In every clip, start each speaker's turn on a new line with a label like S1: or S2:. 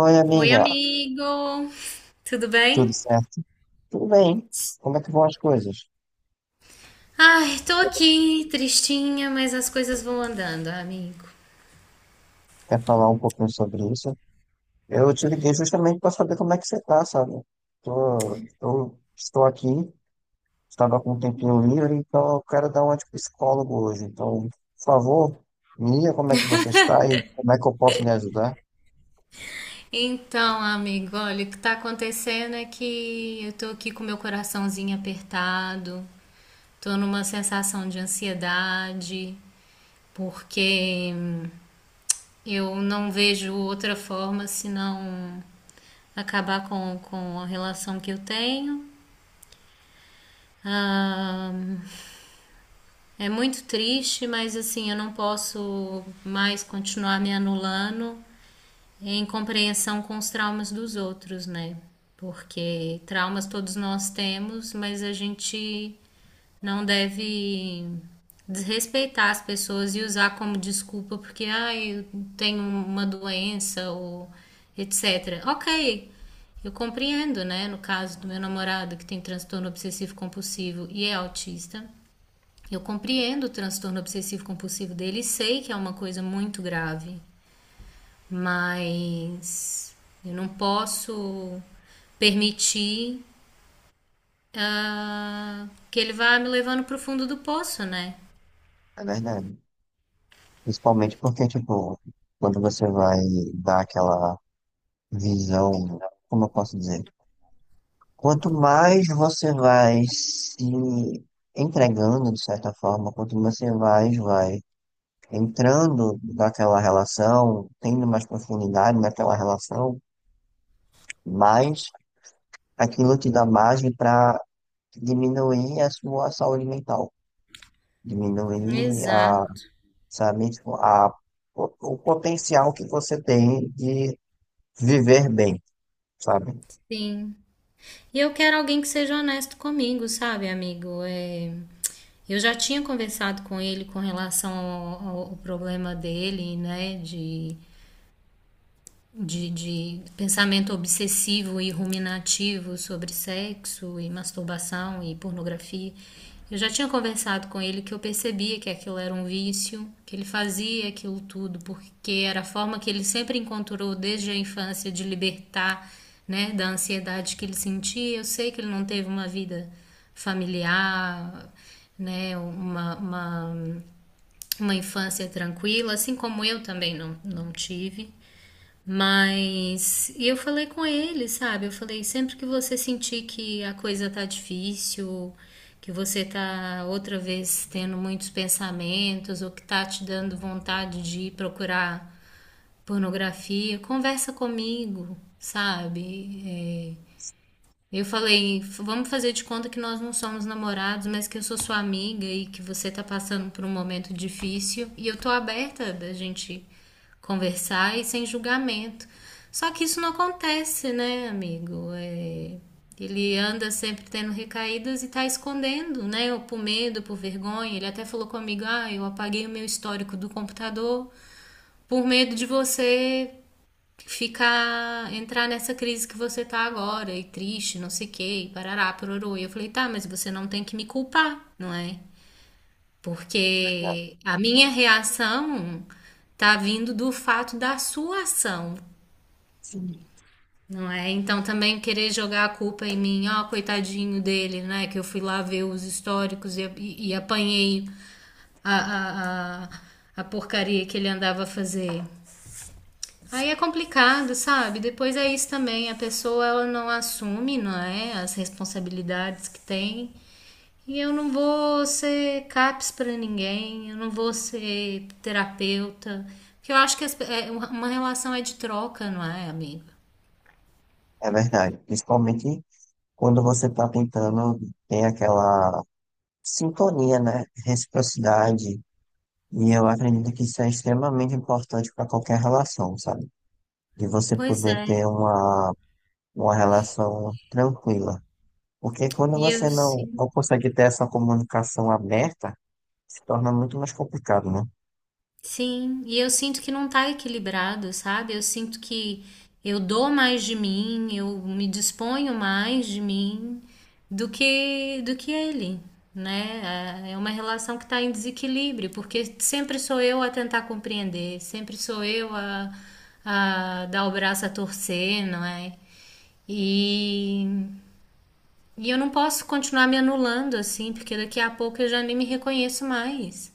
S1: Oi,
S2: Oi,
S1: amiga,
S2: amigo! Tudo
S1: tudo
S2: bem?
S1: certo? Tudo bem? Como é que vão as coisas?
S2: Ai, tô aqui tristinha, mas as coisas vão andando, amigo.
S1: Quer falar um pouquinho sobre isso? Eu te liguei justamente para saber como é que você tá, sabe? Tô, eu estou aqui, estava com um tempinho livre, então eu quero dar uma de psicólogo hoje. Então, por favor, me diga como é que você está e como é que eu posso lhe ajudar.
S2: Então, amigo, olha, o que tá acontecendo é que eu tô aqui com meu coraçãozinho apertado, tô numa sensação de ansiedade, porque eu não vejo outra forma senão acabar com a relação que eu tenho. Ah, é muito triste, mas assim, eu não posso mais continuar me anulando em compreensão com os traumas dos outros, né? Porque traumas todos nós temos, mas a gente não deve desrespeitar as pessoas e usar como desculpa porque ah, eu tenho uma doença ou etc. Ok, eu compreendo, né? No caso do meu namorado que tem transtorno obsessivo compulsivo e é autista, eu compreendo o transtorno obsessivo compulsivo dele e sei que é uma coisa muito grave, mas eu não posso permitir ah, que ele vá me levando para o fundo do poço, né?
S1: É verdade. Principalmente porque, tipo, quando você vai dar aquela visão, como eu posso dizer? Quanto mais você vai se entregando, de certa forma, quanto mais você vai entrando naquela relação, tendo mais profundidade naquela relação, mais aquilo te dá margem para diminuir a sua saúde mental, diminuir a,
S2: Exato,
S1: sabe, tipo, a, o potencial que você tem de viver bem, sabe?
S2: sim. E eu quero alguém que seja honesto comigo, sabe, amigo? É, eu já tinha conversado com ele com relação ao, ao problema dele, né, de pensamento obsessivo e ruminativo sobre sexo e masturbação e pornografia. Eu já tinha conversado com ele que eu percebia que aquilo era um vício, que ele fazia aquilo tudo porque era a forma que ele sempre encontrou desde a infância de libertar, né, da ansiedade que ele sentia. Eu sei que ele não teve uma vida familiar, né, uma infância tranquila, assim como eu também não, não tive. Mas eu falei com ele, sabe? Eu falei, sempre que você sentir que a coisa tá difícil, que você tá outra vez tendo muitos pensamentos, ou que tá te dando vontade de ir procurar pornografia, conversa comigo, sabe? É, eu falei, vamos fazer de conta que nós não somos namorados, mas que eu sou sua amiga e que você tá passando por um momento difícil. E eu tô aberta da gente conversar e sem julgamento. Só que isso não acontece, né, amigo? É, ele anda sempre tendo recaídas e tá escondendo, né? Ou por medo, por vergonha. Ele até falou comigo: ah, eu apaguei o meu histórico do computador por medo de você ficar, entrar nessa crise que você tá agora, e triste, não sei o quê, e parará, pororô. E eu falei, tá, mas você não tem que me culpar, não é? Porque a minha reação tá vindo do fato da sua ação, não é? Então também querer jogar a culpa em mim, ó, coitadinho dele, né? Que eu fui lá ver os históricos e apanhei a, a, a, a porcaria que ele andava a fazer. Aí é complicado, sabe? Depois é isso também, a pessoa ela não assume, não é, as responsabilidades que tem. E eu não vou ser CAPS para ninguém, eu não vou ser terapeuta, porque eu acho que uma relação é de troca, não é, amiga?
S1: É verdade. Principalmente quando você está tentando, tem aquela sintonia, né? Reciprocidade. E eu acredito que isso é extremamente importante para qualquer relação, sabe? De você
S2: Pois
S1: poder ter
S2: é.
S1: uma relação tranquila. Porque quando
S2: E eu
S1: você não,
S2: sim.
S1: não consegue ter essa comunicação aberta, se torna muito mais complicado, né?
S2: Sim, e eu sinto que não tá equilibrado, sabe? Eu sinto que eu dou mais de mim, eu me disponho mais de mim do que ele, né? É uma relação que tá em desequilíbrio, porque sempre sou eu a tentar compreender, sempre sou eu a dar o braço a torcer, não é? E e eu não posso continuar me anulando assim, porque daqui a pouco eu já nem me reconheço mais.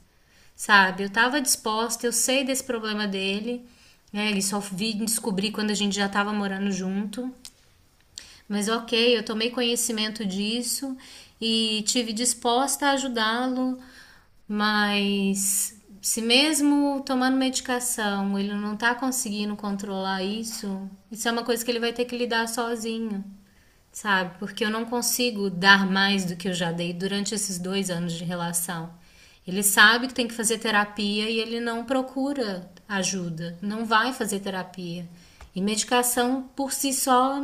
S2: Sabe? Eu tava disposta, eu sei desse problema dele, né? Ele só vi descobrir quando a gente já tava morando junto. Mas ok, eu tomei conhecimento disso e tive disposta a ajudá-lo, mas se mesmo tomando medicação ele não tá conseguindo controlar isso, isso é uma coisa que ele vai ter que lidar sozinho, sabe? Porque eu não consigo dar mais do que eu já dei durante esses dois anos de relação. Ele sabe que tem que fazer terapia e ele não procura ajuda, não vai fazer terapia. E medicação por si só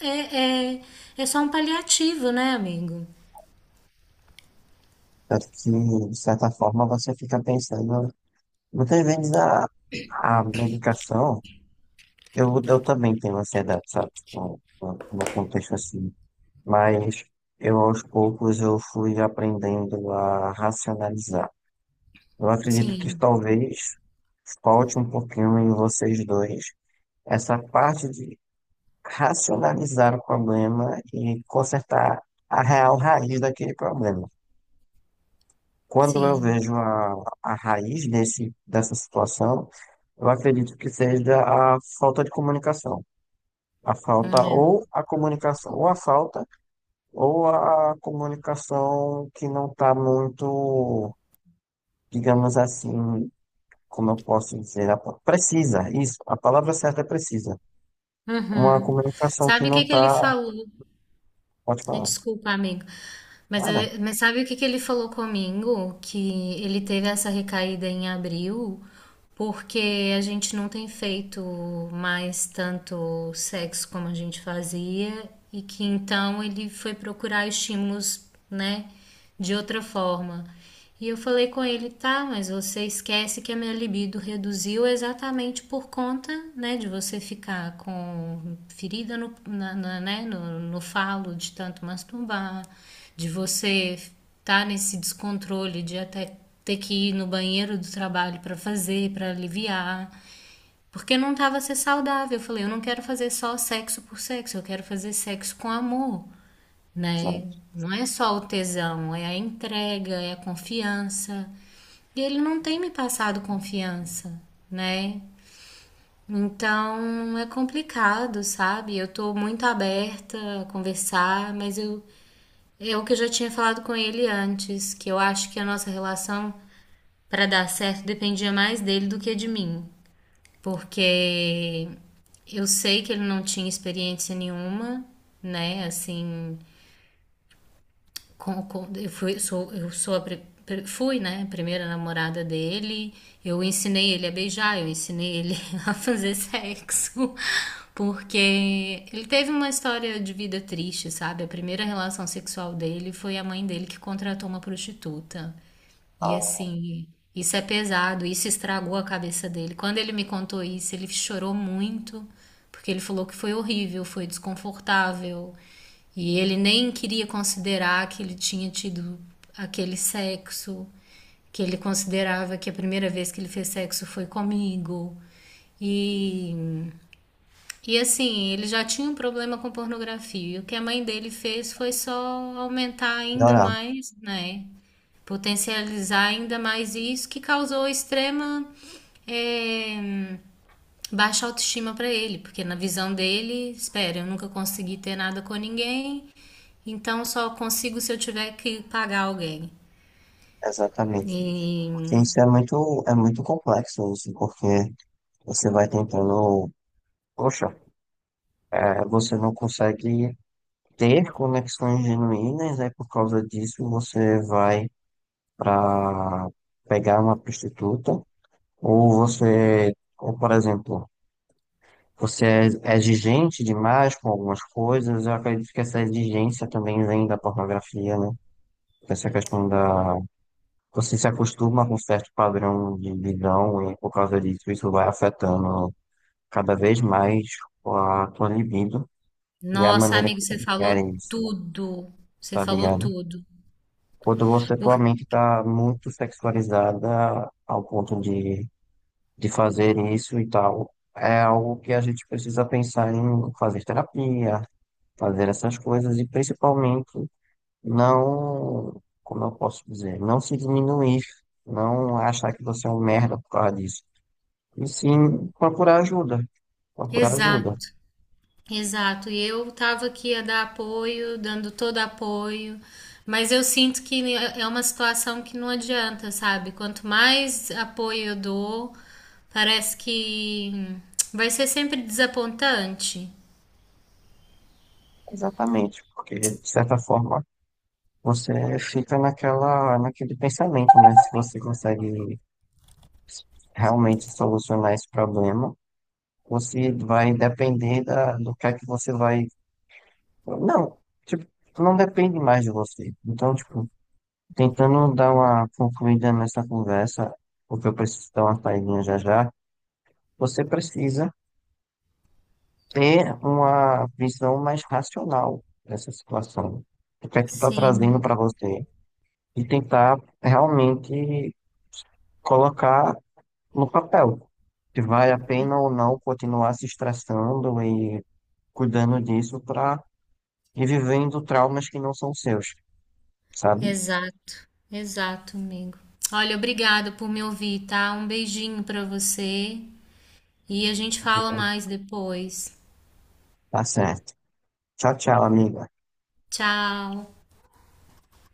S2: é, é, é só um paliativo, né, amigo?
S1: Tanto que, de certa forma, você fica pensando. Muitas vezes a medicação. Eu também tenho ansiedade, sabe? Tipo, no contexto assim. Mas eu aos poucos eu fui aprendendo a racionalizar. Eu acredito que
S2: Sim,
S1: talvez falte um pouquinho em vocês dois essa parte de racionalizar o problema e consertar a real raiz daquele problema. Quando eu
S2: sim.
S1: vejo a raiz desse, dessa situação, eu acredito que seja a falta de comunicação. A falta
S2: É.
S1: ou a comunicação, ou a falta ou a comunicação que não está muito, digamos assim, como eu posso dizer, a- precisa, isso, a palavra certa é precisa. Uma
S2: Uhum.
S1: comunicação que
S2: Sabe o
S1: não
S2: que que ele
S1: está,
S2: falou?
S1: pode
S2: É,
S1: falar,
S2: desculpa, amigo. Mas,
S1: nada,
S2: mas sabe o que que ele falou comigo? Que ele teve essa recaída em abril, porque a gente não tem feito mais tanto sexo como a gente fazia, e que então ele foi procurar estímulos, né, de outra forma. E eu falei com ele, tá, mas você esquece que a minha libido reduziu exatamente por conta, né, de você ficar com ferida no falo de tanto masturbar, de você estar tá nesse descontrole de até ter que ir no banheiro do trabalho para fazer, para aliviar. Porque não tava a ser saudável. Eu falei, eu não quero fazer só sexo por sexo, eu quero fazer sexo com amor,
S1: sabe?
S2: né? Não é só o tesão, é a entrega, é a confiança. E ele não tem me passado confiança, né? Então é complicado, sabe? Eu tô muito aberta a conversar, mas eu é o que eu já tinha falado com ele antes, que eu acho que a nossa relação para dar certo dependia mais dele do que de mim, porque eu sei que ele não tinha experiência nenhuma, né? Assim, eu sou a primeira namorada dele. Eu ensinei ele a beijar, eu ensinei ele a fazer sexo, porque ele teve uma história de vida triste, sabe? A primeira relação sexual dele foi a mãe dele que contratou uma prostituta. E
S1: Ah,
S2: assim, isso é pesado, isso estragou a cabeça dele. Quando ele me contou isso, ele chorou muito. Porque ele falou que foi horrível, foi desconfortável. E ele nem queria considerar que ele tinha tido aquele sexo, que ele considerava que a primeira vez que ele fez sexo foi comigo. E, e assim, ele já tinha um problema com pornografia. E o que a mãe dele fez foi só aumentar ainda
S1: melhorar,
S2: mais, né? Potencializar ainda mais isso, que causou extrema eh, baixa autoestima para ele, porque na visão dele, espera, eu nunca consegui ter nada com ninguém, então só consigo se eu tiver que pagar alguém.
S1: exatamente. Porque
S2: E
S1: isso é muito complexo, isso, porque você vai tentando, poxa, é, você não consegue ter conexões genuínas, aí por causa disso você vai para pegar uma prostituta. Ou você, ou por exemplo, você é exigente demais com algumas coisas, eu acredito que essa exigência também vem da pornografia, né? Essa questão da. Você se acostuma com um certo padrão de visão e por causa disso isso vai afetando cada vez mais a tua libido e a
S2: nossa,
S1: maneira
S2: amigo,
S1: que
S2: você
S1: tu querem
S2: falou
S1: isso, né?
S2: tudo. Você
S1: Tá
S2: falou
S1: ligado?
S2: tudo.
S1: Quando você,
S2: Por...
S1: tua mente tá muito sexualizada ao ponto de fazer isso e tal. É algo que a gente precisa pensar em fazer terapia, fazer essas coisas e principalmente não, como eu posso dizer, não se diminuir, não achar que você é um merda por causa disso. E sim procurar ajuda, procurar ajuda.
S2: Exato. Exato, e eu estava aqui a dar apoio, dando todo apoio, mas eu sinto que é uma situação que não adianta, sabe? Quanto mais apoio eu dou, parece que vai ser sempre desapontante.
S1: Exatamente, porque de certa forma você fica naquela, naquele pensamento, né? Se você consegue realmente solucionar esse problema, você vai depender da, do que é que você vai. Não, tipo, não depende mais de você. Então, tipo, tentando dar uma concluída nessa conversa, porque eu preciso dar uma saída já já, você precisa ter uma visão mais racional dessa situação. O que é que está trazendo
S2: Sim,
S1: para você? E tentar realmente colocar no papel se vale a pena ou não continuar se estressando e cuidando disso para revivendo traumas que não são seus, sabe?
S2: exato, exato, amigo. Olha, obrigado por me ouvir, tá? Um beijinho pra você e a gente fala mais depois.
S1: Tá certo. Tchau, tchau, amiga.
S2: Tchau.